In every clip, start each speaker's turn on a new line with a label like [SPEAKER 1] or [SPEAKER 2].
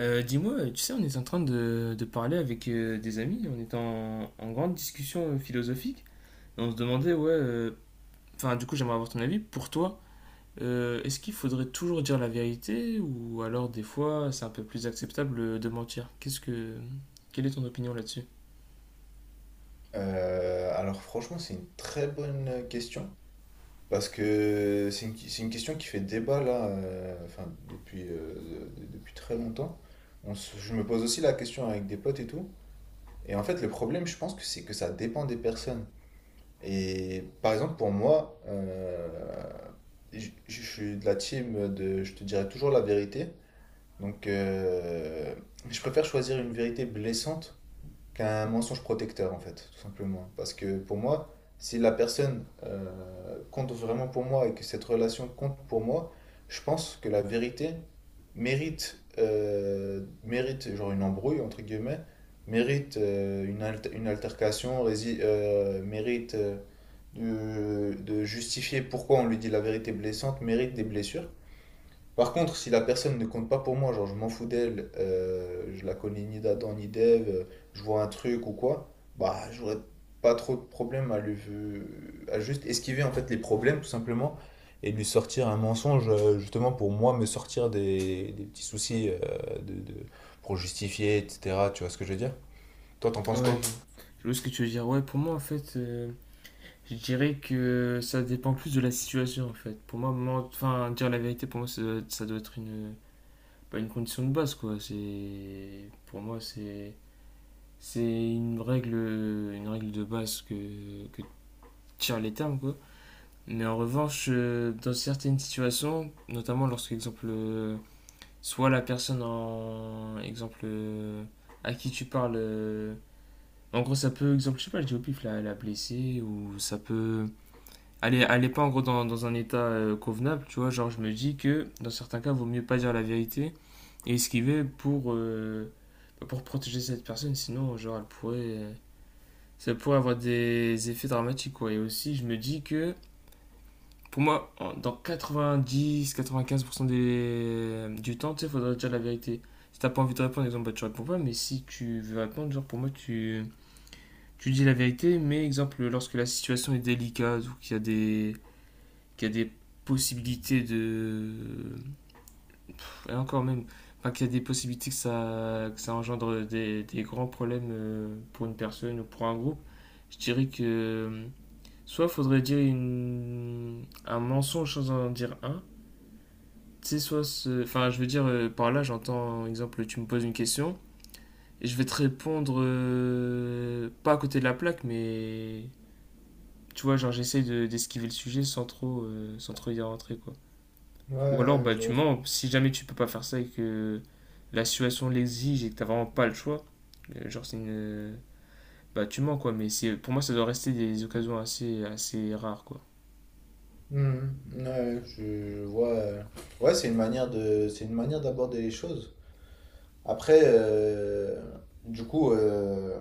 [SPEAKER 1] Dis-moi, tu sais, on est en train de parler avec des amis, on est en grande discussion philosophique, et on se demandait, ouais, enfin, du coup, j'aimerais avoir ton avis. Pour toi, est-ce qu'il faudrait toujours dire la vérité, ou alors des fois, c'est un peu plus acceptable de mentir? Quelle est ton opinion là-dessus?
[SPEAKER 2] Alors franchement, c'est une très bonne question parce que c'est une question qui fait débat là, enfin depuis très longtemps. Je me pose aussi la question avec des potes et tout. Et en fait, le problème, je pense que c'est que ça dépend des personnes. Et par exemple, pour moi, je suis de la team de, je te dirai toujours la vérité. Donc, je préfère choisir une vérité blessante qu'un mensonge protecteur, en fait, tout simplement. Parce que pour moi, si la personne compte vraiment pour moi et que cette relation compte pour moi, je pense que la vérité mérite genre une embrouille, entre guillemets, mérite une altercation, mérite de justifier pourquoi on lui dit la vérité blessante, mérite des blessures. Par contre, si la personne ne compte pas pour moi, genre je m'en fous d'elle, je la connais ni d'Adam ni d'Ève, je vois un truc ou quoi, bah j'aurais pas trop de problème à lui à juste esquiver en fait les problèmes tout simplement et lui sortir un mensonge justement pour moi me sortir des petits soucis pour justifier etc. Tu vois ce que je veux dire? Toi t'en penses
[SPEAKER 1] Ouais,
[SPEAKER 2] quoi?
[SPEAKER 1] je vois ce que tu veux dire. Ouais, pour moi, en fait, je dirais que ça dépend plus de la situation, en fait. Pour moi, enfin, dire la vérité, pour moi, ça doit être une pas une condition de base, quoi. C'est, pour moi, c'est une règle de base que tirent les termes, quoi. Mais en revanche, dans certaines situations, notamment lorsque, exemple, soit la personne en, exemple, à qui tu parles, en gros, ça peut, exemple, je sais pas, je dis au pif, la blesser, ou ça peut, elle est pas en gros dans un état convenable, tu vois, genre, je me dis que, dans certains cas, il vaut mieux pas dire la vérité, et esquiver pour, bah, pour protéger cette personne, sinon genre elle pourrait, ça pourrait avoir des effets dramatiques quoi. Et aussi je me dis que pour moi dans 90-95% des du temps tu sais faudrait dire la vérité. Si t'as pas envie de répondre exemple bah, tu réponds pas, mais si tu veux répondre genre pour moi tu dis la vérité, mais exemple lorsque la situation est délicate ou qu'il y a des possibilités de Et encore même, enfin, qu'il y a des possibilités que ça engendre des grands problèmes pour une personne ou pour un groupe, je dirais que soit faudrait dire une, un mensonge sans en dire un, tu sais, soit, enfin, je veux dire, par là, j'entends, exemple, tu me poses une question, et je vais te répondre, pas à côté de la plaque, mais, tu vois, genre, d'esquiver le sujet sans trop, sans trop y rentrer, quoi. Ou alors,
[SPEAKER 2] Ouais,
[SPEAKER 1] bah,
[SPEAKER 2] je
[SPEAKER 1] tu
[SPEAKER 2] vois.
[SPEAKER 1] mens. Si jamais tu peux pas faire ça et que la situation l'exige et que t'as vraiment pas le choix, genre, c'est une. Bah, tu mens, quoi. Mais c'est pour moi, ça doit rester des occasions assez, assez rares, quoi.
[SPEAKER 2] Mhm. Ouais, je vois. Ouais, c'est une manière d'aborder les choses. Après, du coup, euh,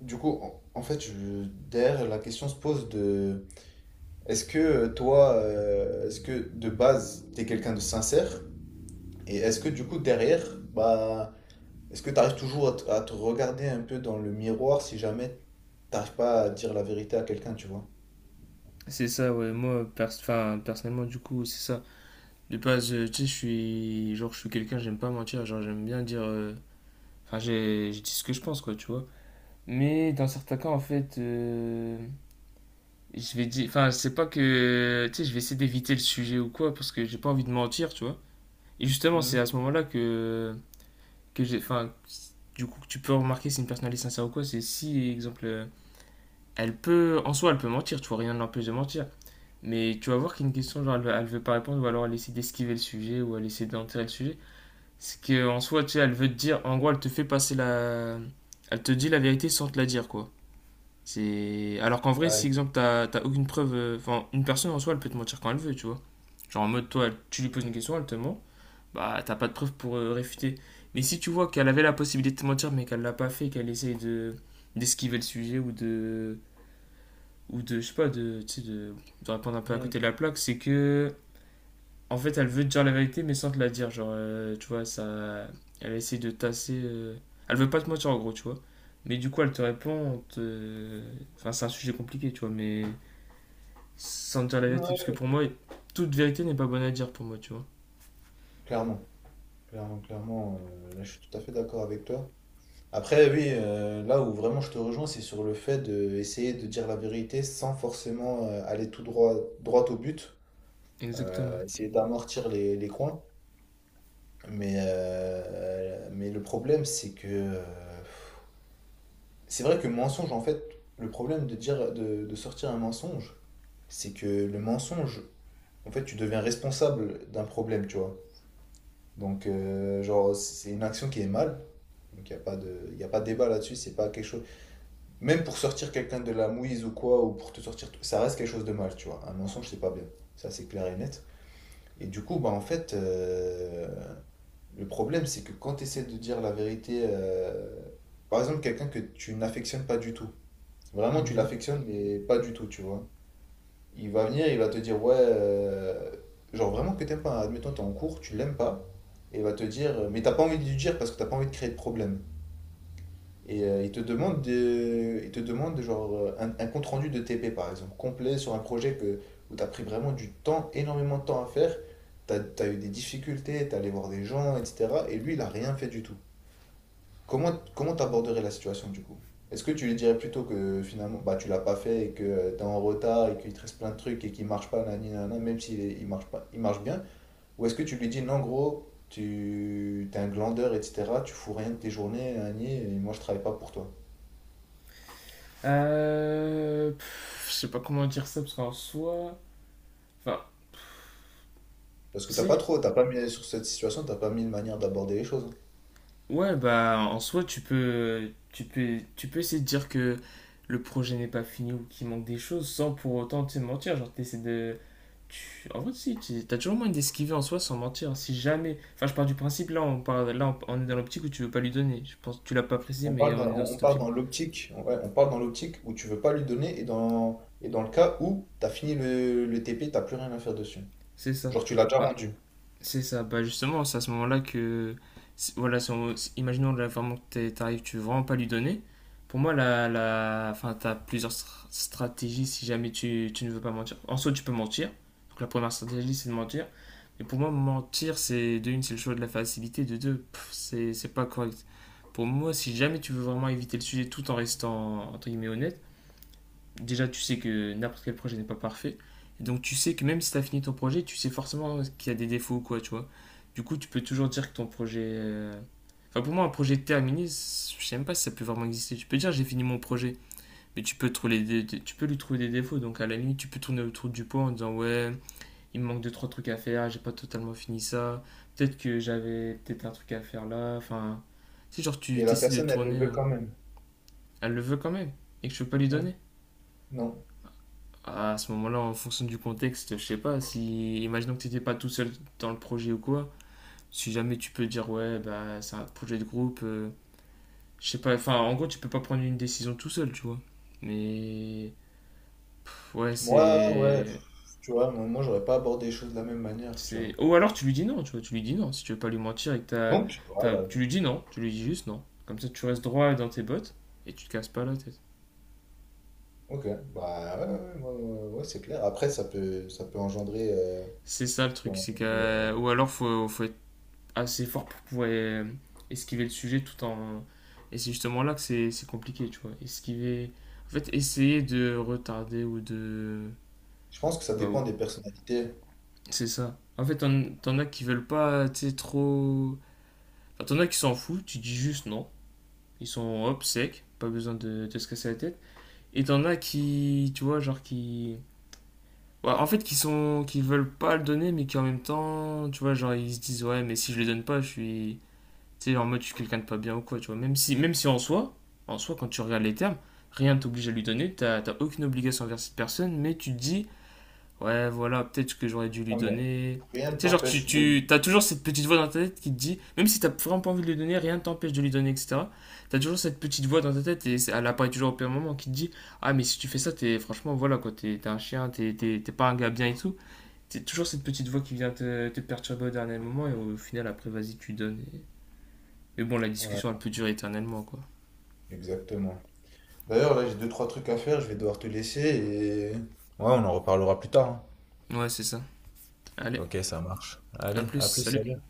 [SPEAKER 2] du coup, en fait, derrière, la question se pose de est-ce que toi, est-ce que de base, t'es quelqu'un de sincère? Et est-ce que du coup, derrière, bah, est-ce que t'arrives toujours à te regarder un peu dans le miroir si jamais t'arrives pas à dire la vérité à quelqu'un, tu vois?
[SPEAKER 1] C'est ça, ouais. Moi, enfin, personnellement, du coup, c'est ça. De base, tu sais, je suis. Genre, je suis quelqu'un, j'aime pas mentir. Genre, j'aime bien dire. Enfin, je dis ce que je pense, quoi, tu vois. Mais dans certains cas, en fait. Je vais dire, enfin, c'est pas que, tu sais, je vais essayer d'éviter le sujet ou quoi, parce que j'ai pas envie de mentir, tu vois. Et justement, c'est à
[SPEAKER 2] Mhm.
[SPEAKER 1] ce moment-là que j'ai. Enfin, du coup, que tu peux remarquer si une personne elle est sincère ou quoi. C'est si, exemple, elle peut. En soi, elle peut mentir, tu vois, rien ne l'empêche de mentir. Mais tu vas voir qu'il y a une question, genre, elle veut pas répondre, ou alors elle essaie d'esquiver le sujet, ou elle essaie d'enterrer le sujet. C'est qu'en soi, tu sais, elle veut te dire. En gros, elle te fait passer la. Elle te dit la vérité sans te la dire, quoi. C'est… Alors qu'en vrai, si,
[SPEAKER 2] Ouais.
[SPEAKER 1] exemple, t'as aucune preuve. Enfin, une personne en soi, elle peut te mentir quand elle veut, tu vois. Genre en mode, toi, tu lui poses une question, elle te ment bah t'as pas de preuves pour réfuter. Mais si tu vois qu'elle avait la possibilité de mentir mais qu'elle l'a pas fait, qu'elle essaye de d'esquiver le sujet ou de je sais pas de tu sais, de répondre un peu à côté de
[SPEAKER 2] Mhm.
[SPEAKER 1] la plaque, c'est que en fait elle veut te dire la vérité mais sans te la dire, genre tu vois ça elle essaie de tasser elle veut pas te mentir en gros, tu vois. Mais du coup elle te répond, enfin c'est un sujet compliqué, tu vois, mais sans te dire la vérité parce que
[SPEAKER 2] Ouais.
[SPEAKER 1] pour moi toute vérité n'est pas bonne à dire pour moi, tu vois.
[SPEAKER 2] Clairement, clairement, clairement, là, je suis tout à fait d'accord avec toi. Après, oui, là où vraiment je te rejoins, c'est sur le fait d'essayer de dire la vérité sans forcément aller tout droit, droit au but,
[SPEAKER 1] Exactement.
[SPEAKER 2] essayer d'amortir les coins. Mais, le problème, c'est que c'est vrai que mensonge, en fait, le problème de sortir un mensonge, c'est que le mensonge, en fait, tu deviens responsable d'un problème, tu vois. Donc, genre, c'est une action qui est mal. Donc, il n'y a pas de, y a pas de débat là-dessus, c'est pas quelque chose. Même pour sortir quelqu'un de la mouise ou quoi, ou pour te sortir, ça reste quelque chose de mal, tu vois. Un mensonge, c'est pas bien. Ça, c'est clair et net. Et du coup, bah, en fait, le problème, c'est que quand tu essaies de dire la vérité, par exemple, quelqu'un que tu n'affectionnes pas du tout, vraiment, tu
[SPEAKER 1] Mhm.
[SPEAKER 2] l'affectionnes, mais pas du tout, tu vois. Il va venir, il va te dire, ouais, genre vraiment que t'aimes pas, hein. Admettons, t'es en cours, tu l'aimes pas, et il va te dire, mais t'as pas envie de lui dire parce que t'as pas envie de créer de problème. Et il te demande genre, un compte-rendu de TP, par exemple, complet sur un projet où tu as pris vraiment du temps, énormément de temps à faire. Tu as eu des difficultés, tu es allé voir des gens, etc. Et lui, il n'a rien fait du tout. Comment t'aborderais la situation du coup? Est-ce que tu lui dirais plutôt que finalement bah, tu l'as pas fait et que tu es en retard et qu'il te reste plein de trucs et qu'il marche pas, nani, nana, même il marche pas, il marche bien? Ou est-ce que tu lui dis non, gros, tu t'es un glandeur, etc. Tu fous rien de tes journées, nani, et moi je travaille pas pour toi?
[SPEAKER 1] Pff, je sais pas comment dire ça parce qu'en soi, enfin,
[SPEAKER 2] Parce que
[SPEAKER 1] si,
[SPEAKER 2] t'as pas mis sur cette situation, t'as pas mis une manière d'aborder les choses.
[SPEAKER 1] ouais, bah en soi tu peux essayer de dire que le projet n'est pas fini ou qu'il manque des choses sans pour autant te mentir. Genre en vrai si, t'as toujours moyen d'esquiver en soi sans mentir. Si jamais, enfin, je pars du principe là, on parle, là, on est dans l'optique où tu veux pas lui donner. Je pense, tu l'as pas précisé,
[SPEAKER 2] On
[SPEAKER 1] mais
[SPEAKER 2] parle dans,
[SPEAKER 1] on est dans
[SPEAKER 2] on on
[SPEAKER 1] cette
[SPEAKER 2] part
[SPEAKER 1] optique.
[SPEAKER 2] dans l'optique, ouais, on part dans l'optique où tu veux pas lui donner et dans le cas où t'as fini le TP, t'as plus rien à faire dessus.
[SPEAKER 1] C'est ça.
[SPEAKER 2] Genre tu l'as déjà
[SPEAKER 1] Bah,
[SPEAKER 2] rendu.
[SPEAKER 1] c'est ça, bah justement, c'est à ce moment-là voilà, si on- si- imaginons là, vraiment que t'arrives, tu veux vraiment pas lui donner. Pour moi, enfin, t'as plusieurs stratégies si jamais tu ne veux pas mentir. En soi, tu peux mentir. Donc la première stratégie, c'est de mentir. Mais pour moi, mentir, c'est de une, c'est le choix de la facilité, de deux, pff, c'est pas correct. Pour moi, si jamais tu veux vraiment éviter le sujet tout en restant, entre guillemets, honnête, déjà tu sais que n'importe quel projet n'est pas parfait. Et donc tu sais que même si tu as fini ton projet, tu sais forcément qu'il y a des défauts ou quoi, tu vois. Du coup, tu peux toujours dire que ton projet… Enfin, pour moi, un projet terminé, je sais même pas si ça peut vraiment exister. Tu peux dire j'ai fini mon projet, mais tu peux, trouver tu peux lui trouver des défauts. Donc à la limite, tu peux tourner autour du pot en disant ouais, il me manque deux trois trucs à faire, j'ai pas totalement fini ça. Peut-être que j'avais peut-être un truc à faire là. Enfin, tu sais, genre tu
[SPEAKER 2] Et la
[SPEAKER 1] t'essaies de
[SPEAKER 2] personne, elle le
[SPEAKER 1] tourner,
[SPEAKER 2] veut quand même.
[SPEAKER 1] elle le veut quand même, et que je peux pas lui
[SPEAKER 2] Hmm.
[SPEAKER 1] donner.
[SPEAKER 2] Non.
[SPEAKER 1] À ce moment-là, en fonction du contexte, je sais pas, si, imaginons que tu n'étais pas tout seul dans le projet ou quoi, si jamais tu peux dire, ouais, bah, c'est un projet de groupe, je sais pas, enfin, en gros, tu peux pas prendre une décision tout seul, tu vois. Mais, pff, ouais,
[SPEAKER 2] Moi, ouais,
[SPEAKER 1] c'est.
[SPEAKER 2] tu vois, moi, j'aurais pas abordé les choses de la même manière, tu vois.
[SPEAKER 1] Ou alors tu lui dis non, tu vois, tu lui dis non, si tu veux pas lui mentir et que
[SPEAKER 2] Donc, voilà.
[SPEAKER 1] tu lui dis non, tu lui dis juste non. Comme ça, tu restes droit dans tes bottes et tu te casses pas la tête.
[SPEAKER 2] Ok. Bah ouais, ouais, ouais, ouais, ouais, c'est clair. Après, ça peut engendrer.
[SPEAKER 1] C'est ça le
[SPEAKER 2] Ça peut
[SPEAKER 1] truc, c'est
[SPEAKER 2] engendrer, euh,
[SPEAKER 1] que. Ou alors, faut être assez fort pour pouvoir esquiver le sujet tout en. Et c'est justement là que c'est compliqué, tu vois. Esquiver. En fait, essayer de retarder ou de.
[SPEAKER 2] je pense que ça
[SPEAKER 1] Bah,
[SPEAKER 2] dépend des personnalités.
[SPEAKER 1] c'est ça. En fait, t'en as qui veulent pas, tu sais, trop. Enfin, t'en as qui s'en foutent, tu dis juste non. Ils sont hop, secs pas besoin de se casser la tête. Et t'en as qui, tu vois, genre qui. Ouais, en fait, qui sont, qui veulent pas le donner, mais qui en même temps, tu vois, genre ils se disent ouais, mais si je le donne pas, je suis, tu sais, en mode, je suis quelqu'un de pas bien ou quoi, tu vois. Même si en soi, en soi, quand tu regardes les termes, rien t'oblige à lui donner, t'as aucune obligation envers cette personne, mais tu te dis, ouais, voilà, peut-être que j'aurais dû lui
[SPEAKER 2] Non, mais
[SPEAKER 1] donner.
[SPEAKER 2] rien ne
[SPEAKER 1] Tu sais, genre,
[SPEAKER 2] t'empêche de.
[SPEAKER 1] tu as toujours cette petite voix dans ta tête qui te dit, même si t'as vraiment pas envie de lui donner, rien ne t'empêche de lui donner, etc. T'as toujours cette petite voix dans ta tête et elle apparaît toujours au pire moment qui te dit, ah, mais si tu fais ça, t'es franchement, voilà, quoi, t'es un chien, t'es pas un gars bien et tout. C'est toujours cette petite voix qui vient te perturber au dernier moment et au final, après, vas-y, tu donnes. Mais bon, la discussion, elle
[SPEAKER 2] Ouais,
[SPEAKER 1] peut durer éternellement, quoi.
[SPEAKER 2] exactement. D'ailleurs, là, j'ai deux, trois trucs à faire, je vais devoir te laisser Ouais, on en reparlera plus tard, hein.
[SPEAKER 1] Ouais, c'est ça. Allez,
[SPEAKER 2] Ok, ça marche.
[SPEAKER 1] à
[SPEAKER 2] Allez,
[SPEAKER 1] plus,
[SPEAKER 2] à plus,
[SPEAKER 1] salut.
[SPEAKER 2] salut.